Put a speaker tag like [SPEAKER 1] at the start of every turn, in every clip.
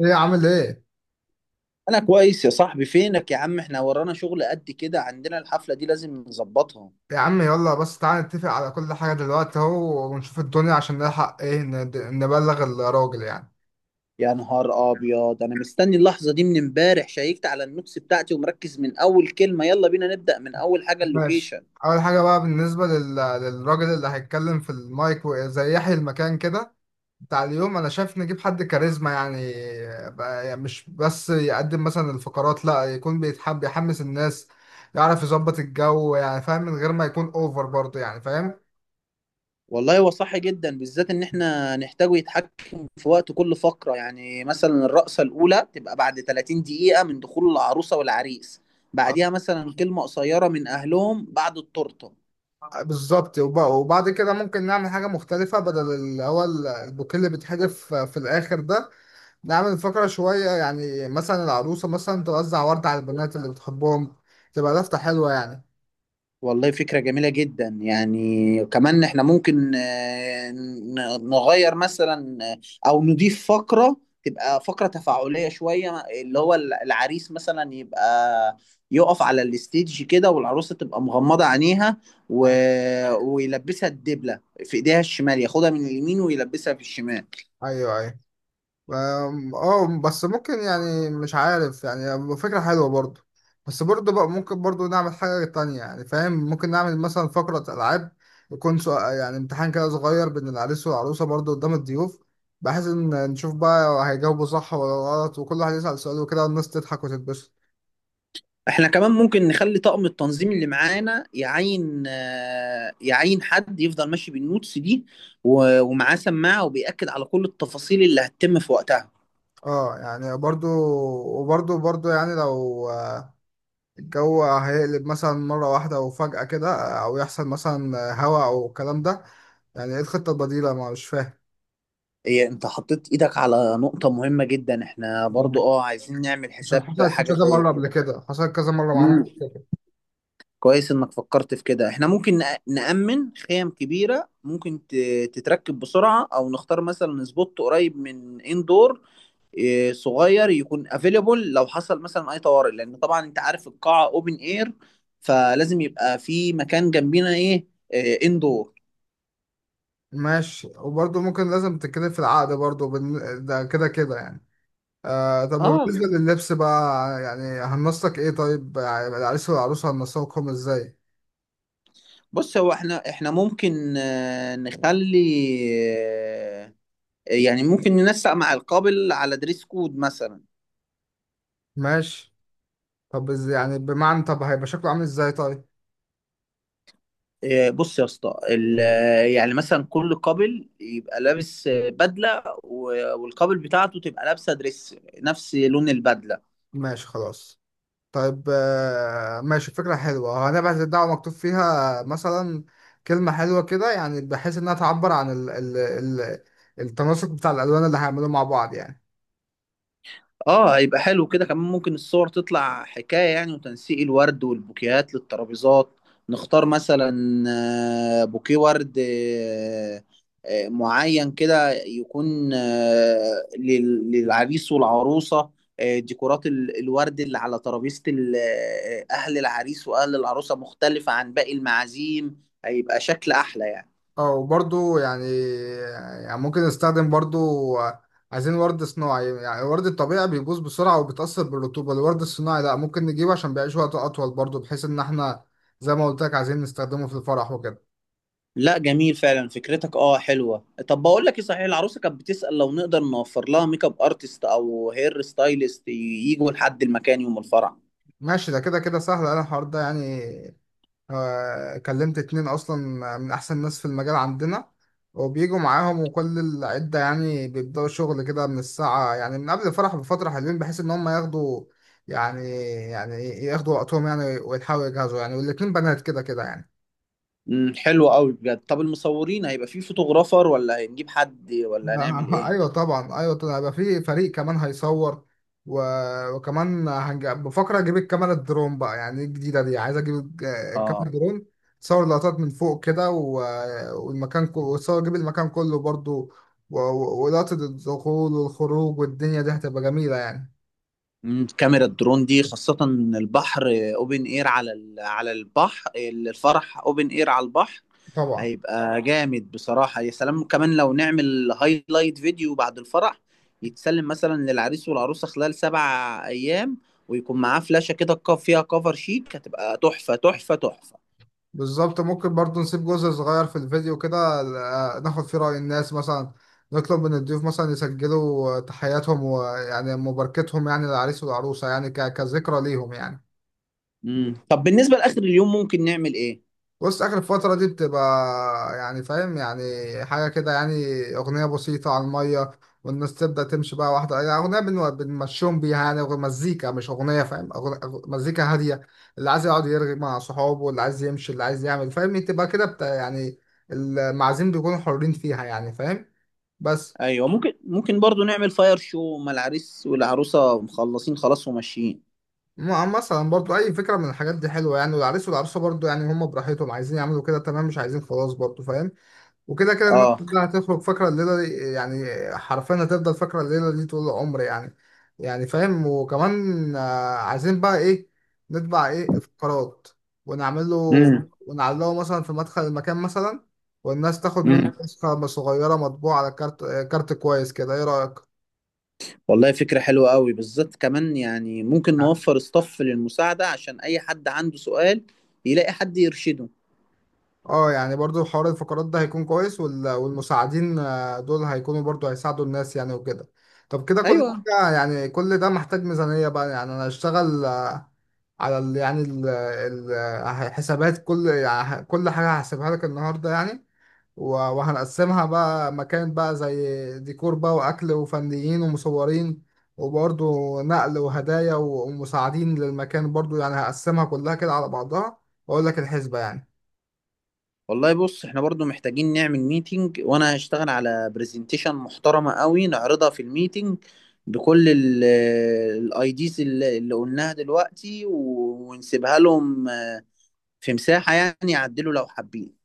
[SPEAKER 1] ايه عامل ايه؟
[SPEAKER 2] انا كويس يا صاحبي. فينك يا عم؟ احنا ورانا شغل قد كده، عندنا الحفلة دي لازم نظبطها.
[SPEAKER 1] يا عم يلا بس تعالى نتفق على كل حاجة دلوقتي اهو، ونشوف الدنيا عشان نلحق ايه نبلغ الراجل يعني.
[SPEAKER 2] يا نهار ابيض، انا مستني اللحظة دي من امبارح. شيكت على النوتس بتاعتي ومركز من اول كلمة. يلا بينا نبدأ من اول حاجة:
[SPEAKER 1] ماشي.
[SPEAKER 2] اللوكيشن.
[SPEAKER 1] اول حاجة بقى بالنسبة للراجل اللي هيتكلم في المايك زي يحيي المكان كده بتاع اليوم، انا شايف نجيب حد كاريزما يعني. يعني مش بس يقدم مثلا الفقرات، لا، يكون بيتحب يحمس الناس، يعرف يظبط الجو يعني، فاهم؟ من غير ما يكون اوفر برضه، يعني فاهم.
[SPEAKER 2] والله هو صح جدا، بالذات ان احنا نحتاجه يتحكم في وقت كل فقرة. يعني مثلا الرقصة الاولى تبقى بعد 30 دقيقة من دخول العروسة والعريس. بعديها مثلا كلمة قصيرة من اهلهم بعد التورتة.
[SPEAKER 1] بالظبط. وبعد كده ممكن نعمل حاجة مختلفة بدل اللي هو البوكيه اللي بيتحدف في الآخر ده. نعمل فقرة شوية يعني، مثلا العروسة مثلا توزع ورد على البنات اللي بتحبهم، تبقى لفتة حلوة يعني.
[SPEAKER 2] والله فكرة جميلة جدا. يعني كمان احنا ممكن نغير مثلا، او نضيف فقرة تبقى فقرة تفاعلية شوية. اللي هو العريس مثلا يبقى يقف على الستيج كده، والعروسة تبقى مغمضة عينيها، و... ويلبسها الدبلة في ايديها الشمال، ياخدها من اليمين ويلبسها في الشمال.
[SPEAKER 1] أيوه أيوه. أم، اه بس ممكن، يعني مش عارف، يعني فكرة حلوة برضو، بس برضو بقى ممكن برضو نعمل حاجة تانية، يعني فاهم؟ ممكن نعمل مثلا فقرة ألعاب، يكون سؤال يعني، امتحان كده صغير بين العريس والعروسة برضو قدام الضيوف، بحيث إن نشوف بقى هيجاوبوا صح ولا غلط، وكل واحد يسأل سؤال وكده، والناس تضحك وتتبسط.
[SPEAKER 2] احنا كمان ممكن نخلي طاقم التنظيم اللي معانا يعين حد يفضل ماشي بالنوتس دي، ومعاه سماعة وبيأكد على كل التفاصيل اللي هتتم في وقتها.
[SPEAKER 1] اه يعني برضو. وبرضو يعني لو الجو هيقلب مثلا مرة واحدة وفجأة كده، أو يحصل مثلا هوا أو الكلام ده، يعني إيه الخطة البديلة؟ ما مش فاهم.
[SPEAKER 2] إيه، انت حطيت ايدك على نقطة مهمة جدا. احنا برضو
[SPEAKER 1] آه.
[SPEAKER 2] عايزين نعمل
[SPEAKER 1] عشان
[SPEAKER 2] حساب
[SPEAKER 1] حصلت
[SPEAKER 2] حاجة
[SPEAKER 1] كذا
[SPEAKER 2] زي
[SPEAKER 1] مرة قبل
[SPEAKER 2] كده.
[SPEAKER 1] كده، حصلت كذا مرة معانا
[SPEAKER 2] مم.
[SPEAKER 1] قبل كده.
[SPEAKER 2] كويس انك فكرت في كده. احنا ممكن نأمن خيم كبيرة ممكن تتركب بسرعة، او نختار مثلا سبوت قريب من اندور. صغير يكون افيلبل لو حصل مثلا اي طوارئ، لان طبعا انت عارف القاعه اوبن اير. فلازم يبقى في مكان جنبينا اندور.
[SPEAKER 1] ماشي، وبرضه ممكن لازم تتكلم في العقد برضه ده كده كده يعني. آه، طب وبالنسبة
[SPEAKER 2] اه،
[SPEAKER 1] لللبس بقى، يعني هننسق ايه طيب؟ يعني العريس والعروسة هننسقهم ازاي؟
[SPEAKER 2] بص. هو احنا ممكن آه، نخلي آه، يعني ممكن ننسق مع القابل على دريس كود مثلا.
[SPEAKER 1] ماشي. طب يعني بمعنى، طب هيبقى شكله عامل ازاي طيب؟
[SPEAKER 2] بص يا اسطى، يعني مثلا كل قابل يبقى لابس بدله، والقابل بتاعته تبقى لابسه دريس نفس لون البدله.
[SPEAKER 1] ماشي خلاص. طيب آه، ماشي، فكرة حلوة. هنبعت الدعوة مكتوب فيها مثلا كلمة حلوة كده، يعني بحيث انها تعبر عن ال التناسق بتاع الألوان اللي هيعملوه مع بعض يعني.
[SPEAKER 2] اه، هيبقى حلو كده. كمان ممكن الصور تطلع حكاية يعني، وتنسيق الورد والبوكيهات للترابيزات. نختار مثلا بوكيه ورد معين كده، يكون للعريس والعروسة. ديكورات الورد اللي على ترابيزة أهل العريس وأهل العروسة مختلفة عن باقي المعازيم. هيبقى شكل أحلى يعني.
[SPEAKER 1] او برضو يعني، يعني ممكن نستخدم برضو، عايزين ورد صناعي. يعني الورد الطبيعي بيبوظ بسرعة وبيتأثر بالرطوبة، الورد الصناعي لا، ممكن نجيبه عشان بيعيش وقت أطول برضو، بحيث إن احنا زي ما قلت لك عايزين نستخدمه في الفرح وكده.
[SPEAKER 2] لا، جميل فعلا فكرتك. اه، حلوه. طب بقول لك ايه، صحيح العروسه كانت بتسأل لو نقدر نوفر لها ميك اب ارتست او هير ستايلست يجوا لحد المكان يوم الفرح؟
[SPEAKER 1] ماشي، ده كده كده سهل أنا، الحوار ده يعني. كلمت اتنين اصلا من احسن ناس في المجال عندنا، وبيجوا معاهم وكل العدة يعني، بيبدأوا شغل كده من الساعة يعني، من قبل الفرح بفترة حلوين، بحيث ان هم ياخدوا يعني، يعني ياخدوا وقتهم يعني، ويلحقوا يجهزوا يعني، والاتنين بنات كده كده يعني.
[SPEAKER 2] امم، حلو قوي بجد. طب المصورين هيبقى في فوتوغرافر ولا هنجيب حد ولا هنعمل ايه؟
[SPEAKER 1] ايوه طبعا، ايوه طبعا، هيبقى في فريق كمان هيصور. و... بفكر اجيب الكاميرا الدرون بقى، يعني دي الجديده دي، عايز اجيب الكاميرا
[SPEAKER 2] اه.
[SPEAKER 1] الدرون، تصور لقطات من فوق كده، و... والمكان كله، وتصور اجيب المكان كله برضو، ولقطه الدخول والخروج، والدنيا دي هتبقى جميله يعني.
[SPEAKER 2] مم، كاميرا الدرون دي خاصة البحر. اوبن اير على على البحر. الفرح اوبن اير على البحر.
[SPEAKER 1] طبعا.
[SPEAKER 2] هيبقى جامد بصراحة. يا سلام كمان لو نعمل هايلايت فيديو بعد الفرح، يتسلم مثلا للعريس والعروسة خلال 7 أيام. ويكون معاه فلاشة كده فيها كفر شيك. هتبقى تحفة تحفة تحفة.
[SPEAKER 1] بالظبط، ممكن برضو نسيب جزء صغير في الفيديو كده، ناخد فيه رأي الناس مثلا، نطلب من الضيوف مثلا يسجلوا تحياتهم، ويعني مباركتهم يعني للعريس والعروسة، يعني كذكرى ليهم يعني.
[SPEAKER 2] مم. طب بالنسبة لآخر اليوم ممكن نعمل إيه؟
[SPEAKER 1] بص، اخر الفترة دي بتبقى يعني فاهم، يعني حاجة كده يعني، اغنية بسيطة على المية، والناس تبدأ تمشي بقى واحدة، يعني اغنية بنمشيهم بيها يعني، مزيكا، مش اغنية فاهم، مزيكا هادية، اللي عايز يقعد يرغي مع صحابه، اللي عايز يمشي، اللي عايز يعمل فاهم، تبقى كده بتا يعني، المعازيم بيكونوا حرين فيها يعني فاهم. بس
[SPEAKER 2] أيوة، ممكن برضو نعمل فاير شو ما العريس والعروسة مخلصين خلاص وماشيين.
[SPEAKER 1] مثلا برضو اي فكرة من الحاجات دي حلوة يعني، والعريس والعروسة برضو يعني هم براحتهم، عايزين يعملوا كده تمام، مش عايزين خلاص برضو فاهم، وكده كده الناس
[SPEAKER 2] اه.
[SPEAKER 1] كلها هتخرج فاكرة الليلة دي يعني، حرفيا هتفضل فاكرة الليلة دي طول العمر يعني، يعني فاهم. وكمان عايزين بقى ايه، نطبع ايه افتقارات ونعمله
[SPEAKER 2] امم.
[SPEAKER 1] ونعلقه مثلا في مدخل المكان مثلا، والناس تاخد منه نسخة صغيرة مطبوعة على كارت، كارت كويس كده، ايه رأيك؟
[SPEAKER 2] والله فكرة حلوة قوي. بالذات كمان يعني ممكن نوفر ستاف للمساعدة عشان أي حد عنده سؤال يلاقي حد يرشده.
[SPEAKER 1] اه يعني برضو حوار الفقرات ده هيكون كويس، والمساعدين دول هيكونوا برضو هيساعدوا الناس يعني وكده. طب كده كل
[SPEAKER 2] أيوة.
[SPEAKER 1] حاجة يعني، كل ده محتاج ميزانية بقى يعني، انا هشتغل على ال، يعني ال حسابات، كل يعني كل حاجة هحسبها لك النهاردة يعني، وهنقسمها بقى، مكان بقى زي ديكور بقى، وأكل وفنيين ومصورين، وبرضو نقل وهدايا ومساعدين للمكان برضو، يعني هقسمها كلها كده على بعضها، وأقول لك الحسبة يعني.
[SPEAKER 2] والله بص، احنا برضو محتاجين نعمل ميتنج. وأنا هشتغل على برزنتيشن محترمة قوي نعرضها في الميتنج بكل الاي ديز اللي قلناها دلوقتي، ونسيبها لهم في مساحة يعني يعدلوا لو حابين.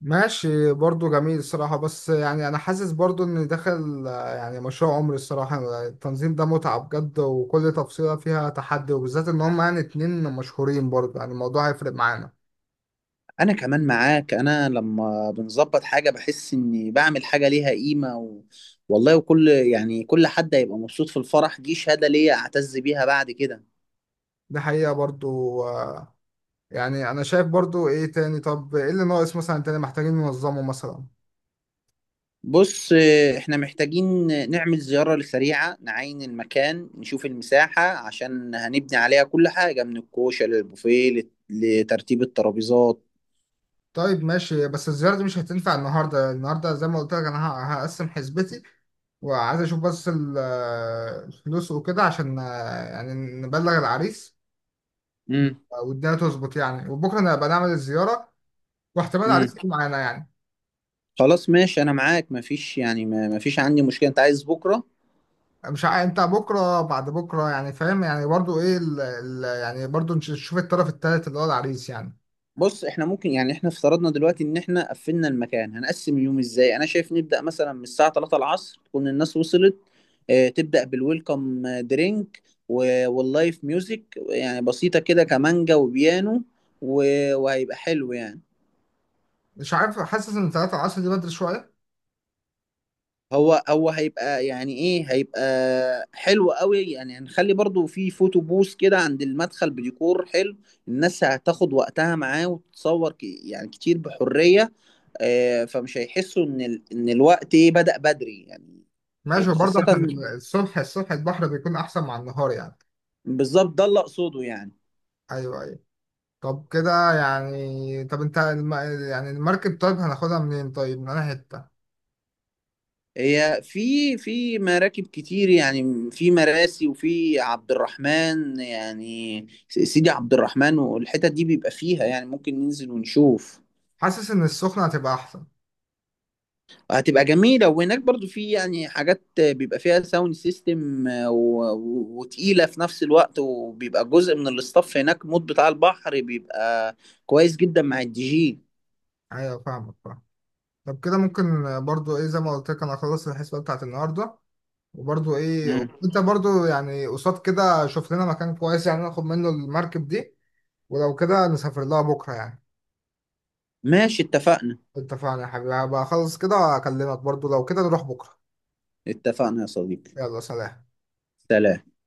[SPEAKER 1] ماشي برضو، جميل الصراحة. بس يعني أنا حاسس برضو إن داخل يعني مشروع عمري الصراحة، التنظيم ده متعة بجد، وكل تفصيلة فيها تحدي، وبالذات إن هم يعني اتنين مشهورين برضو، يعني الموضوع هيفرق معانا.
[SPEAKER 2] انا كمان معاك. انا لما بنظبط حاجه بحس اني بعمل حاجه ليها قيمه. والله وكل يعني كل حد هيبقى مبسوط في الفرح. دي شهاده ليا اعتز بيها بعد كده.
[SPEAKER 1] دي حقيقة برضو. يعني أنا شايف برضو، إيه تاني؟ طب إيه اللي ناقص مثلا تاني محتاجين ننظمه مثلا؟
[SPEAKER 2] بص، احنا محتاجين نعمل زياره سريعه نعاين المكان، نشوف المساحه عشان هنبني عليها كل حاجه من الكوشه للبوفيه لترتيب الترابيزات.
[SPEAKER 1] طيب ماشي، بس الزيارة دي مش هتنفع النهاردة، النهاردة زي ما قلت لك أنا هقسم حسبتي، وعايز أشوف بس الفلوس وكده عشان يعني نبلغ العريس
[SPEAKER 2] امم.
[SPEAKER 1] والدنيا تظبط يعني، وبكره انا هبقى نعمل الزياره، واحتمال
[SPEAKER 2] امم.
[SPEAKER 1] عريس يجي معانا يعني.
[SPEAKER 2] خلاص ماشي، انا معاك. مفيش يعني مفيش عندي مشكله انت عايز بكره.
[SPEAKER 1] مش ع... انت بكره بعد بكره يعني فاهم، يعني برضو ايه يعني برضو نشوف الطرف الثالث اللي هو العريس يعني.
[SPEAKER 2] بص، احنا ممكن يعني احنا افترضنا دلوقتي ان احنا قفلنا المكان. هنقسم اليوم ازاي؟ انا شايف نبدأ مثلا من الساعة 3 العصر تكون الناس وصلت. اه، تبدأ بالويلكم درينك واللايف ميوزك يعني بسيطة كده، كمانجا وبيانو، وهيبقى حلو يعني.
[SPEAKER 1] مش عارف، حاسس ان 3 العصر دي بدري شويه.
[SPEAKER 2] هو هيبقى يعني ايه، هيبقى حلو قوي يعني. هنخلي برضو في فوتو بوث كده عند المدخل بديكور حلو. الناس هتاخد وقتها معاه وتتصور يعني كتير بحرية. فمش هيحسوا ان ان الوقت بدأ بدري يعني.
[SPEAKER 1] ماشي، وبرضه
[SPEAKER 2] خاصة.
[SPEAKER 1] عشان الصبح، الصبح البحر بيكون احسن مع النهار يعني.
[SPEAKER 2] بالظبط، ده اللي اقصده يعني.
[SPEAKER 1] ايوه ايوه. طب كده يعني، طب انت يعني المركب طيب هناخدها منين طيب؟ من انا حته؟
[SPEAKER 2] هي في مراكب كتير يعني. في مراسي، وفي عبد الرحمن يعني سيدي عبد الرحمن. والحتت دي بيبقى فيها يعني. ممكن ننزل ونشوف.
[SPEAKER 1] حاسس ان السخنه هتبقى احسن.
[SPEAKER 2] هتبقى جميلة. وهناك برضو في يعني حاجات بيبقى فيها ساوند سيستم وتقيلة في نفس الوقت. وبيبقى جزء من الاستاف هناك مود بتاع البحر بيبقى كويس جدا مع الدي جي.
[SPEAKER 1] ايوه، فاهمك فاهم. طب كده ممكن برضو ايه، زي ما قلت لك انا اخلص الحسبه بتاعت النهارده، وبرضو ايه
[SPEAKER 2] مم.
[SPEAKER 1] انت برضو يعني قصاد كده شوف لنا مكان كويس يعني ناخد منه المركب دي، ولو كده نسافر لها بكرة يعني.
[SPEAKER 2] ماشي اتفقنا.
[SPEAKER 1] اتفقنا يا حبيبي، هبقى اخلص كده اكلمك برضو لو كده نروح بكرة.
[SPEAKER 2] اتفقنا يا صديقي.
[SPEAKER 1] يلا، سلام.
[SPEAKER 2] سلام.